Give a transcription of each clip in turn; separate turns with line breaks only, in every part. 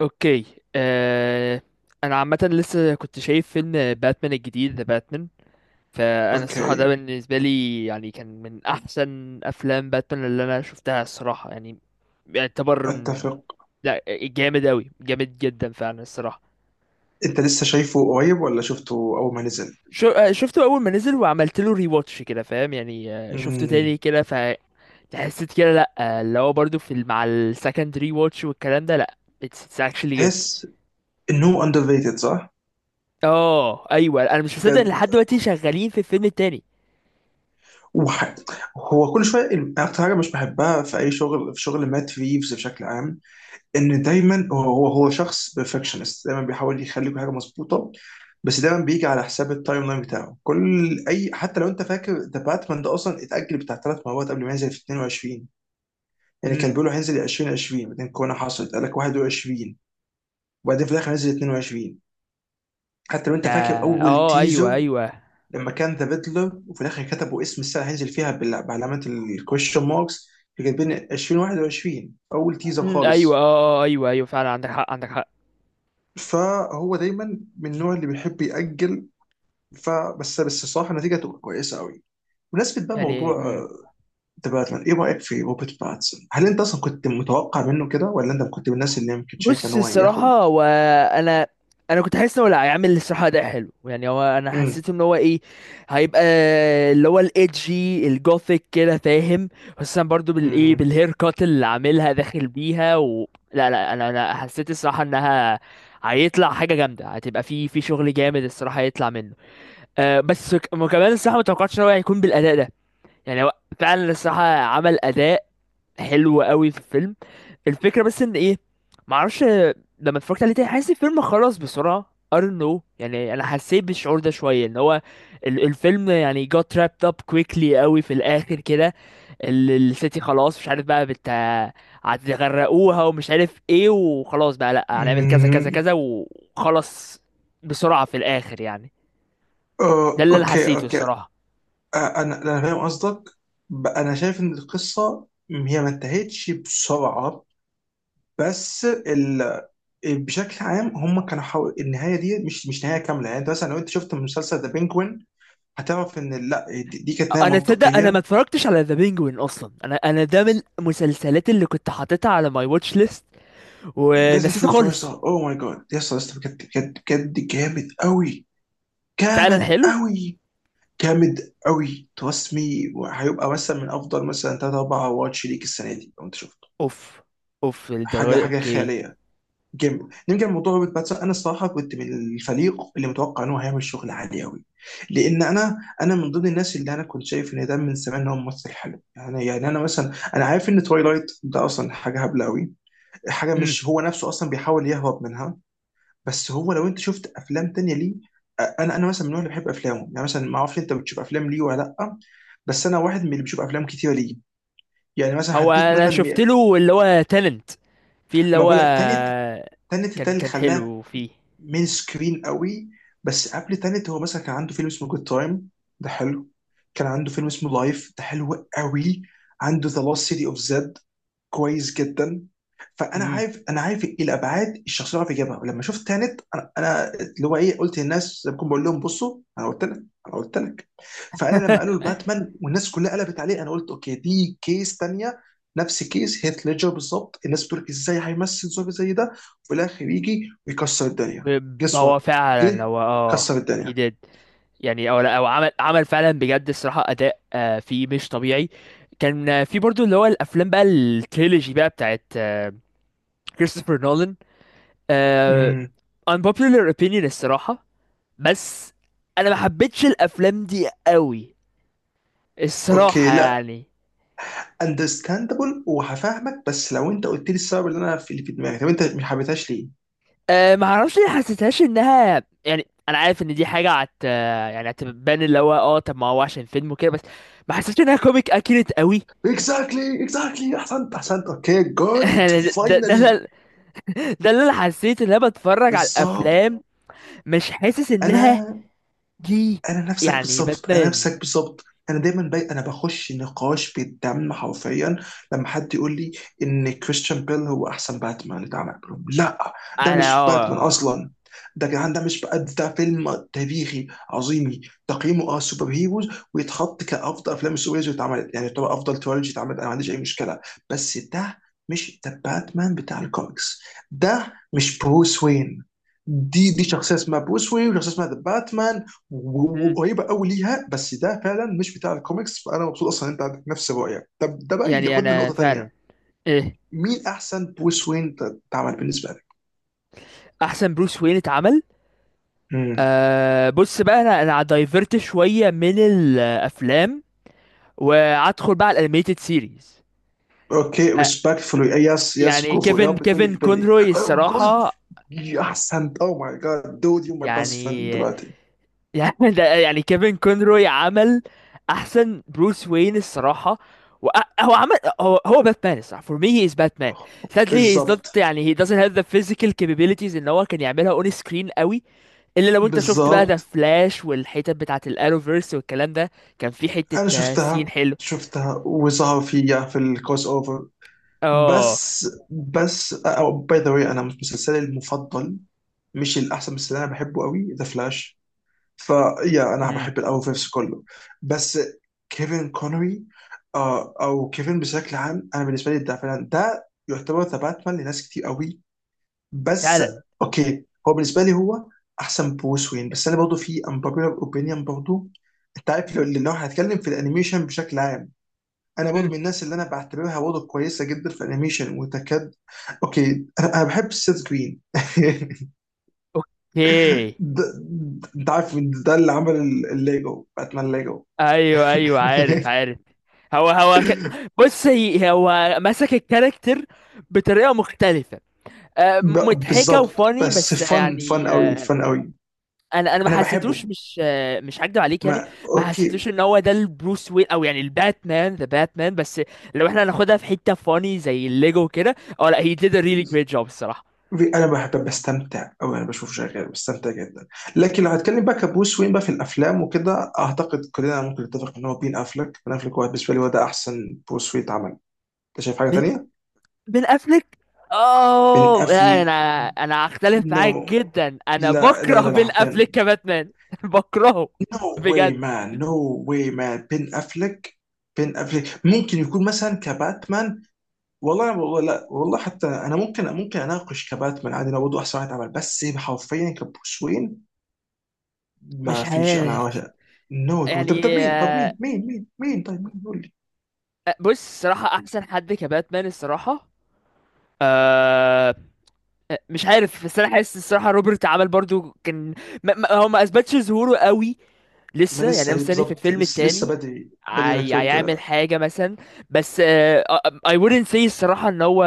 اوكي. آه... انا عامه لسه كنت شايف فيلم باتمان الجديد ذا باتمان. فانا الصراحه ده
اوكي.
بالنسبه لي يعني كان من احسن افلام باتمان اللي انا شفتها الصراحه يعني يعتبر
اتفق.
لا، جامد اوي، جامد جدا فعلا الصراحه.
انت لسه شايفه قريب ولا شفته اول ما نزل؟
شو... آه، شفته اول ما نزل وعملت له ري واتش كده، فاهم يعني، شفته تاني
امم.
كده. فحسيت كده لا، اللي هو برضو في مع السكند ري واتش والكلام ده، لا it's, it's actually good.
تحس انه اندر ريتد، صح؟
اه ايوه، انا مش مصدق ان
بجد.
لحد دلوقتي شغالين في الفيلم التاني.
وح... هو كل شويه الم- اكتر حاجه مش بحبها في اي شغل، في شغل مات ريفز بشكل عام، ان دايما هو شخص بيرفكشنست، دايما بيحاول يخلي كل حاجه مظبوطه. بس دايما بيجي على حساب التايم لاين بتاعه كل اي. حتى لو انت فاكر ذا باتمان ده، اصلا اتاجل بتاع ثلاث مرات قبل ما ينزل في 22. يعني كان
امم،
بيقولوا هينزل 2020، بعدين كورونا حصلت، قال لك 21، وبعدين في الاخر نزل 22. حتى لو
ده
انت فاكر اول
اه ايوه
تيزر
ايوه.
لما كان ذا بيتلر، وفي الاخر كتبوا اسم السنه هينزل فيها بعلامات الكويشن ماركس، كاتبين 2021 اول تيزر
ايوه اه.
خالص.
ايوه ايوه فعلا، عندك حق عندك حق.
فهو دايما من النوع اللي بيحب يأجل. فبس الصراحه النتيجه تبقى كويسه قوي. بمناسبة بقى
يعني
موضوع ذا باتمان، ايه رأيك في روبرت باتسون؟ هل انت اصلا كنت متوقع منه كده ولا انت كنت من الناس اللي يمكن شايفه ان
بص
هو ياخد.
الصراحة هو، أنا كنت حاسس إن هو لا، هيعمل الصراحة ده حلو يعني. هو أنا
امم
حسيت إن هو إيه، هيبقى اللي هو الإيدجي الجوثيك كده فاهم. خصوصا برضو بالإيه،
امم
بالهير كات اللي عاملها داخل بيها لا لا، أنا حسيت الصراحة إنها هيطلع حاجة جامدة، هتبقى في شغل جامد الصراحة هيطلع منه. أه بس وكمان الصراحة ما توقعتش إن هو هيكون بالأداء ده. يعني هو فعلا الصراحة عمل أداء حلو قوي في الفيلم. الفكره بس ان ايه، معرفش. لما اتفرجت عليه تاني حاسس الفيلم خلص بسرعه، I don't know. يعني انا حسيت بالشعور ده شويه ان هو الفيلم يعني got wrapped up quickly قوي في الاخر كده. السيتي خلاص مش عارف بقى بت، هتغرقوها ومش عارف ايه، وخلاص بقى لا هنعمل كذا كذا
امم
كذا وخلص بسرعه في الاخر يعني. ده اللي انا
اوكي،
حسيته
اوكي.
الصراحه.
انا فاهم قصدك. انا شايف ان القصه هي ما انتهتش بسرعه. بس ال... بشكل عام هم كانوا حاول النهايه دي مش نهايه كامله. يعني انت مثلا لو انت شفت مسلسل ذا بينجوين، هتعرف ان لا، دي كانت نهايه
انا تصدق انا
منطقيه.
ما اتفرجتش على ذا بينجوين اصلا، انا ده من المسلسلات اللي كنت حاططها على ماي واتش ليست
لازم
ونسيته
تشوفه يا اسطى،
خالص.
اوه ماي جاد يا اسطى، يا اسطى، بجد بجد بجد جامد قوي،
فعلا
جامد
حلو.
قوي، جامد قوي. ترسمي هيبقى مثلا من افضل مثلا ثلاث اربع واتش ليك السنه دي لو انت شفته.
اوف، اوف الدرجه
حاجه
دي،
حاجه
اوكي.
خياليه. جيم، نرجع لموضوع روبرت باتسون. انا الصراحه كنت من الفريق اللي متوقع ان هو هيعمل شغل عالي قوي. لان انا من ضمن الناس اللي انا كنت شايف ان ده من زمان ان هو ممثل حلو. يعني انا مثلا، انا عارف ان تويلايت ده اصلا حاجه هبله قوي. حاجه
امم.
مش هو نفسه اصلا بيحاول يهرب منها. بس هو لو انت شفت افلام تانية ليه. انا مثلا من النوع اللي بحب افلامه. يعني مثلا، ما اعرفش انت بتشوف افلام ليه ولا لا، بس انا واحد من اللي بيشوف افلام كتيره ليه. يعني مثلا
هو
هديك
انا
مثلا
شفت له اللي هو تالنت، في اللي
ما
هو
بقول لك تاني، تنت ده
كان
اللي
كان
خلاها.
حلو فيه.
مين سكرين قوي. بس قبل تنت هو مثلا كان عنده فيلم اسمه جود تايم، ده حلو. كان عنده فيلم اسمه لايف، ده حلو قوي. عنده ذا لوست سيتي اوف زد، كويس جدا. فانا
امم.
عارف، انا عارف ايه الابعاد الشخصيه اللي بيجيبها، ولما شفت تانت انا، أنا اللي هو ايه، قلت للناس زي ما بكون بقول لهم بصوا، انا قلت لك، انا قلت لك. فانا لما قالوا الباتمان والناس كلها قلبت عليه، انا قلت اوكي، دي كيس تانية. نفس كيس هيث ليدجر بالظبط. الناس بتقول ازاي هيمثل زومبي زي ده، وفي الاخر يجي ويكسر الدنيا. جس
هو
وات،
فعلا
جه
هو اه
كسر
he
الدنيا.
did. يعني او لا، او عمل عمل فعلا بجد الصراحه اداء فيه مش طبيعي. كان في برضو اللي هو الافلام بقى، التريلوجي بقى بتاعت كريستوفر نولان. آه
امم.
unpopular opinion الصراحة، بس انا ما حبيتش الافلام دي قوي
اوكي،
الصراحة
لا.
يعني.
اندرستاندبل، وهفهمك، بس لو انت قلت لي السبب اللي انا في اللي في دماغي، طب انت ما حبيتهاش ليه؟
آه ما اعرفش ليه، حسيتهاش انها يعني، انا عارف ان دي حاجة عت يعني هتبان اللي هو اه، طب ما هو عشان فيلم وكده بس ما حسيتش انها كوميك اكيريت قوي.
اكزاكتلي، اكزاكتلي، احسنت، احسنت، اوكي، جود،
يعني
فاينلي.
ده اللي انا حسيت ان انا بتفرج على
بالظبط.
الافلام مش حاسس انها
انا
دي.
انا نفسك
يعني
بالظبط، انا
باتمان،
نفسك بالظبط. انا انا بخش نقاش بالدم حرفيا لما حد يقول لي ان كريستيان بيل هو احسن باتمان اتعمل، بقول لهم لا، ده
انا
مش باتمان
اه
اصلا. ده يا جدعان، ده مش بقى، ده فيلم تاريخي عظيمي. تقييمه اه سوبر هيروز، ويتحط كافضل افلام السوبر هيروز اللي اتعملت. يعني طبعا افضل تريلوجي اتعملت، انا ما عنديش اي مشكله. بس ده مش ده باتمان بتاع الكوميكس، ده مش بروس وين. دي شخصيه اسمها بروس وين وشخصيه اسمها ذا باتمان،
مم.
وقريبه قوي ليها. بس ده فعلا مش بتاع الكوميكس. فانا مبسوط اصلا ان انت عندك نفس الرؤيه. طب ده بقى
يعني
ياخدنا
انا
لنقطه
فعلا
تانيه.
ايه،
مين احسن بروس وين اتعمل بالنسبه لك؟
احسن بروس وين اتعمل.
امم.
أه بص بقى، انا دايفرت شويه من الافلام وادخل بقى على الانيميتد سيريز.
اوكي،
أه
ريسبكتفولي، يس يس،
يعني
جو فور،
كيفن
ياب، بتقول لي
كيفن
في بالي،
كونروي
اوه جود.
الصراحه.
احسنت، اوه ماي جاد دود، يو ماي بيست فريند
يعني
دلوقتي.
يعني ده يعني كيفن كونروي عمل احسن بروس وين الصراحه. و- هو عمل، هو باتمان الصراحه، for me he is Batman. sadly he is not
بالظبط،
يعني he doesn't have the physical capabilities ان هو كان يعملها on screen قوي. الا لو انت شفت بقى ذا
بالظبط.
فلاش والحتت بتاعه الانوفيرس والكلام ده، كان في حته
انا
سين
شفتها،
حلو.
شفتها وظهر فيها في الكروس اوفر.
اه.
بس أو باي ذا واي انا مش مسلسلي المفضل، مش الاحسن، بس اللي انا بحبه قوي ذا فلاش. فيا انا
امم.
بحب الاول فيفس كله. بس كيفن كونري. آه، او كيفن بشكل عام، انا بالنسبه لي ده فعلا ده يعتبر ذا باتمان لناس كتير قوي. بس
فعلا.
اوكي، هو بالنسبه لي هو احسن بروس وين. بس انا برضه في امبوبيلر اوبينيون برضه. انت عارف، لو هنتكلم في الانيميشن بشكل عام، انا برضه
امم.
من الناس اللي انا بعتبرها برضه كويسه جدا في الانيميشن وتكاد. اوكي انا بحب السيث جرين ده
اوكي.
ده- انت عارف مين ده اللي عمل الليجو باتمان، ليجو.
ايوه ايوه عارف عارف. هو هو ك... بص، هو مسك الكاركتر بطريقه مختلفه مضحكه
بالظبط.
وفاني
بس
بس
فن، فن
يعني.
قوي، فن قوي.
انا ما
انا
حسيتوش،
بحبه.
مش مش هكدب عليك يعني.
ما
ما
اوكي
حسيتوش ان هو ده البروس وين او يعني الباتمان ذا باتمان. بس لو احنا هناخدها في حته فاني زي الليجو كده، اه لا هي did a really great job الصراحه.
انا بحب بستمتع، او انا بشوف شغال بستمتع جدا. لكن لو هتكلم بقى كبروس وين بقى في الافلام وكده، اعتقد كلنا ممكن نتفق ان هو بين افلك. هو بالنسبه لي هو ده احسن بروس وين اتعمل. انت شايف حاجه
بن
تانية؟
بن افليك،
بن
اوه لا،
افل.
انا هختلف
نو،
معاك جدا، انا
لا
بكره
لا لا لا
بن
حرفيا،
افليك كباتمان بكرهه
نو واي
بجد.
مان، نو واي مان. بن افلك، بن افلك ممكن يكون مثلا كباتمان. والله، والله، لا والله، حتى انا ممكن، ممكن اناقش كباتمان عادي لو برضه احسن واحد عمل، بس حرفيا كبروس وين ما
مش
فيش.
عارف
انا نو دو. طب،
يعني
طب مين، طب مين، مين طيب مين، قول لي.
بص الصراحه احسن حد كباتمان الصراحه آه، مش عارف، بس انا حاسس الصراحه روبرت عمل برضو كان، هو ما اثبتش ظهوره قوي
ما
لسه يعني، انا
لسه،
مستني في
بالظبط
الفيلم
لسه، لسه
التاني.
بدري، بدري انك تقول
هيعمل
كده.
حاجه مثلا، بس I wouldn't say الصراحه ان هو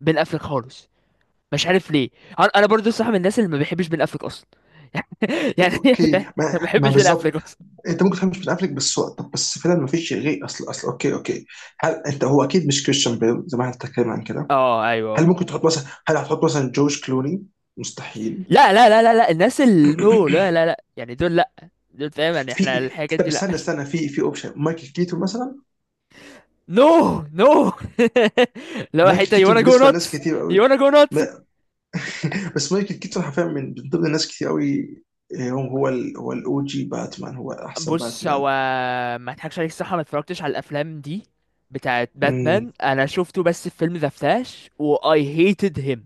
بن افلك خالص. مش عارف ليه، انا برضو صح من الناس اللي ما بيحبش بن افلك اصلا
طب
يعني
اوكي، ما
ما
ما
بحبش بن
بالظبط
افلك اصلا.
انت ممكن تفهم مش بن افلك، طب بس فعلا ما فيش غير اصل، اصل اوكي اوكي. هل انت هو اكيد مش كريستيان بيل زي ما احنا بنتكلم عن كده.
اه ايوه.
هل ممكن تحط مثلا، هل هتحط مثلا جورج كلوني؟ مستحيل.
لا لا لا لا لا، الناس اللي نو لا لا لا، يعني دول لا، دول فاهم يعني احنا
في،
الحاجات
طب
دي لا.
استنى، في اوبشن مايكل كيتون مثلا.
نو نو لو
مايكل
حته يو
كيتون
وانا جو
بالنسبه لناس
نوتس،
كتير قوي.
يو وانا جو نوتس.
ما- بس مايكل كيتون حرفيا من ضمن ناس كتير قوي. آه، هو الاو جي باتمان، هو احسن
بص هو،
باتمان.
ما اضحكش عليك الصراحه ما اتفرجتش على الافلام دي بتاعت
امم،
باتمان، انا شفته بس في فيلم ذا فلاش و I hated him.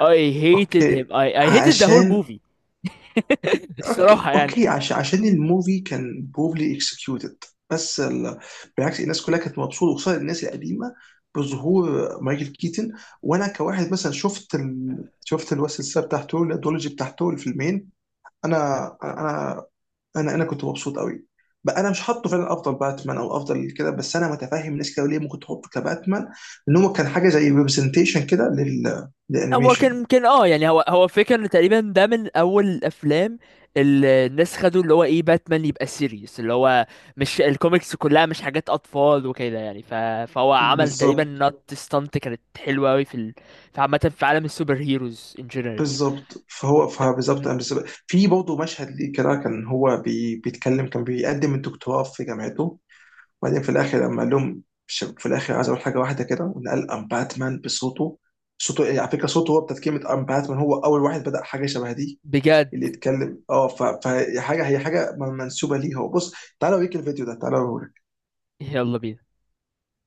I hated him.
اوكي،
I hated the whole
عشان.
movie
اوكي،
الصراحه يعني.
اوكي عشان، عشان الموفي كان بروفلي اكسكيوتد. بس ال... بالعكس الناس كلها كانت مبسوطه، وخصوصا الناس القديمه، بظهور مايكل كيتن. وانا كواحد مثلا شفت الوسط السابع بتاعته الادولوجي بتاعته الفيلمين. انا انا انا كنت مبسوط قوي. بقى انا مش حاطه فعلا افضل باتمان او افضل كده، بس انا متفاهم ناس كده ليه ممكن تحطه كباتمان، ان هو كان حاجه زي ريبرزنتيشن كده
هو كان
للانيميشن.
ممكن اه يعني، هو فكرة ان تقريبا ده من اول الافلام اللي الناس خدوا اللي هو ايه، باتمان يبقى سيريس اللي هو مش الكوميكس كلها مش حاجات اطفال وكده يعني فهو عمل تقريبا
بالظبط،
نوت ستانت كانت حلوة قوي في في عامة في عالم السوبر هيروز ان جنرال.
بالظبط. فهو فبالظبط أنا بالظبط- في برضه مشهد ليه كده، كان هو بي بيتكلم، كان بيقدم الدكتوراه في جامعته، وبعدين في الاخر لما قال لهم في الاخر عايز اقول حاجه واحده كده، وإن قال ام باتمان بصوته. صوته يعني على فكره صوته، هو بتاعت كلمه ام باتمان، هو اول واحد بدا حاجه شبه دي
بجد
اللي يتكلم اه. فهي حاجه، هي حاجه منسوبه ليه هو. بص، تعالوا اوريك الفيديو ده، تعالوا.
يلا بينا.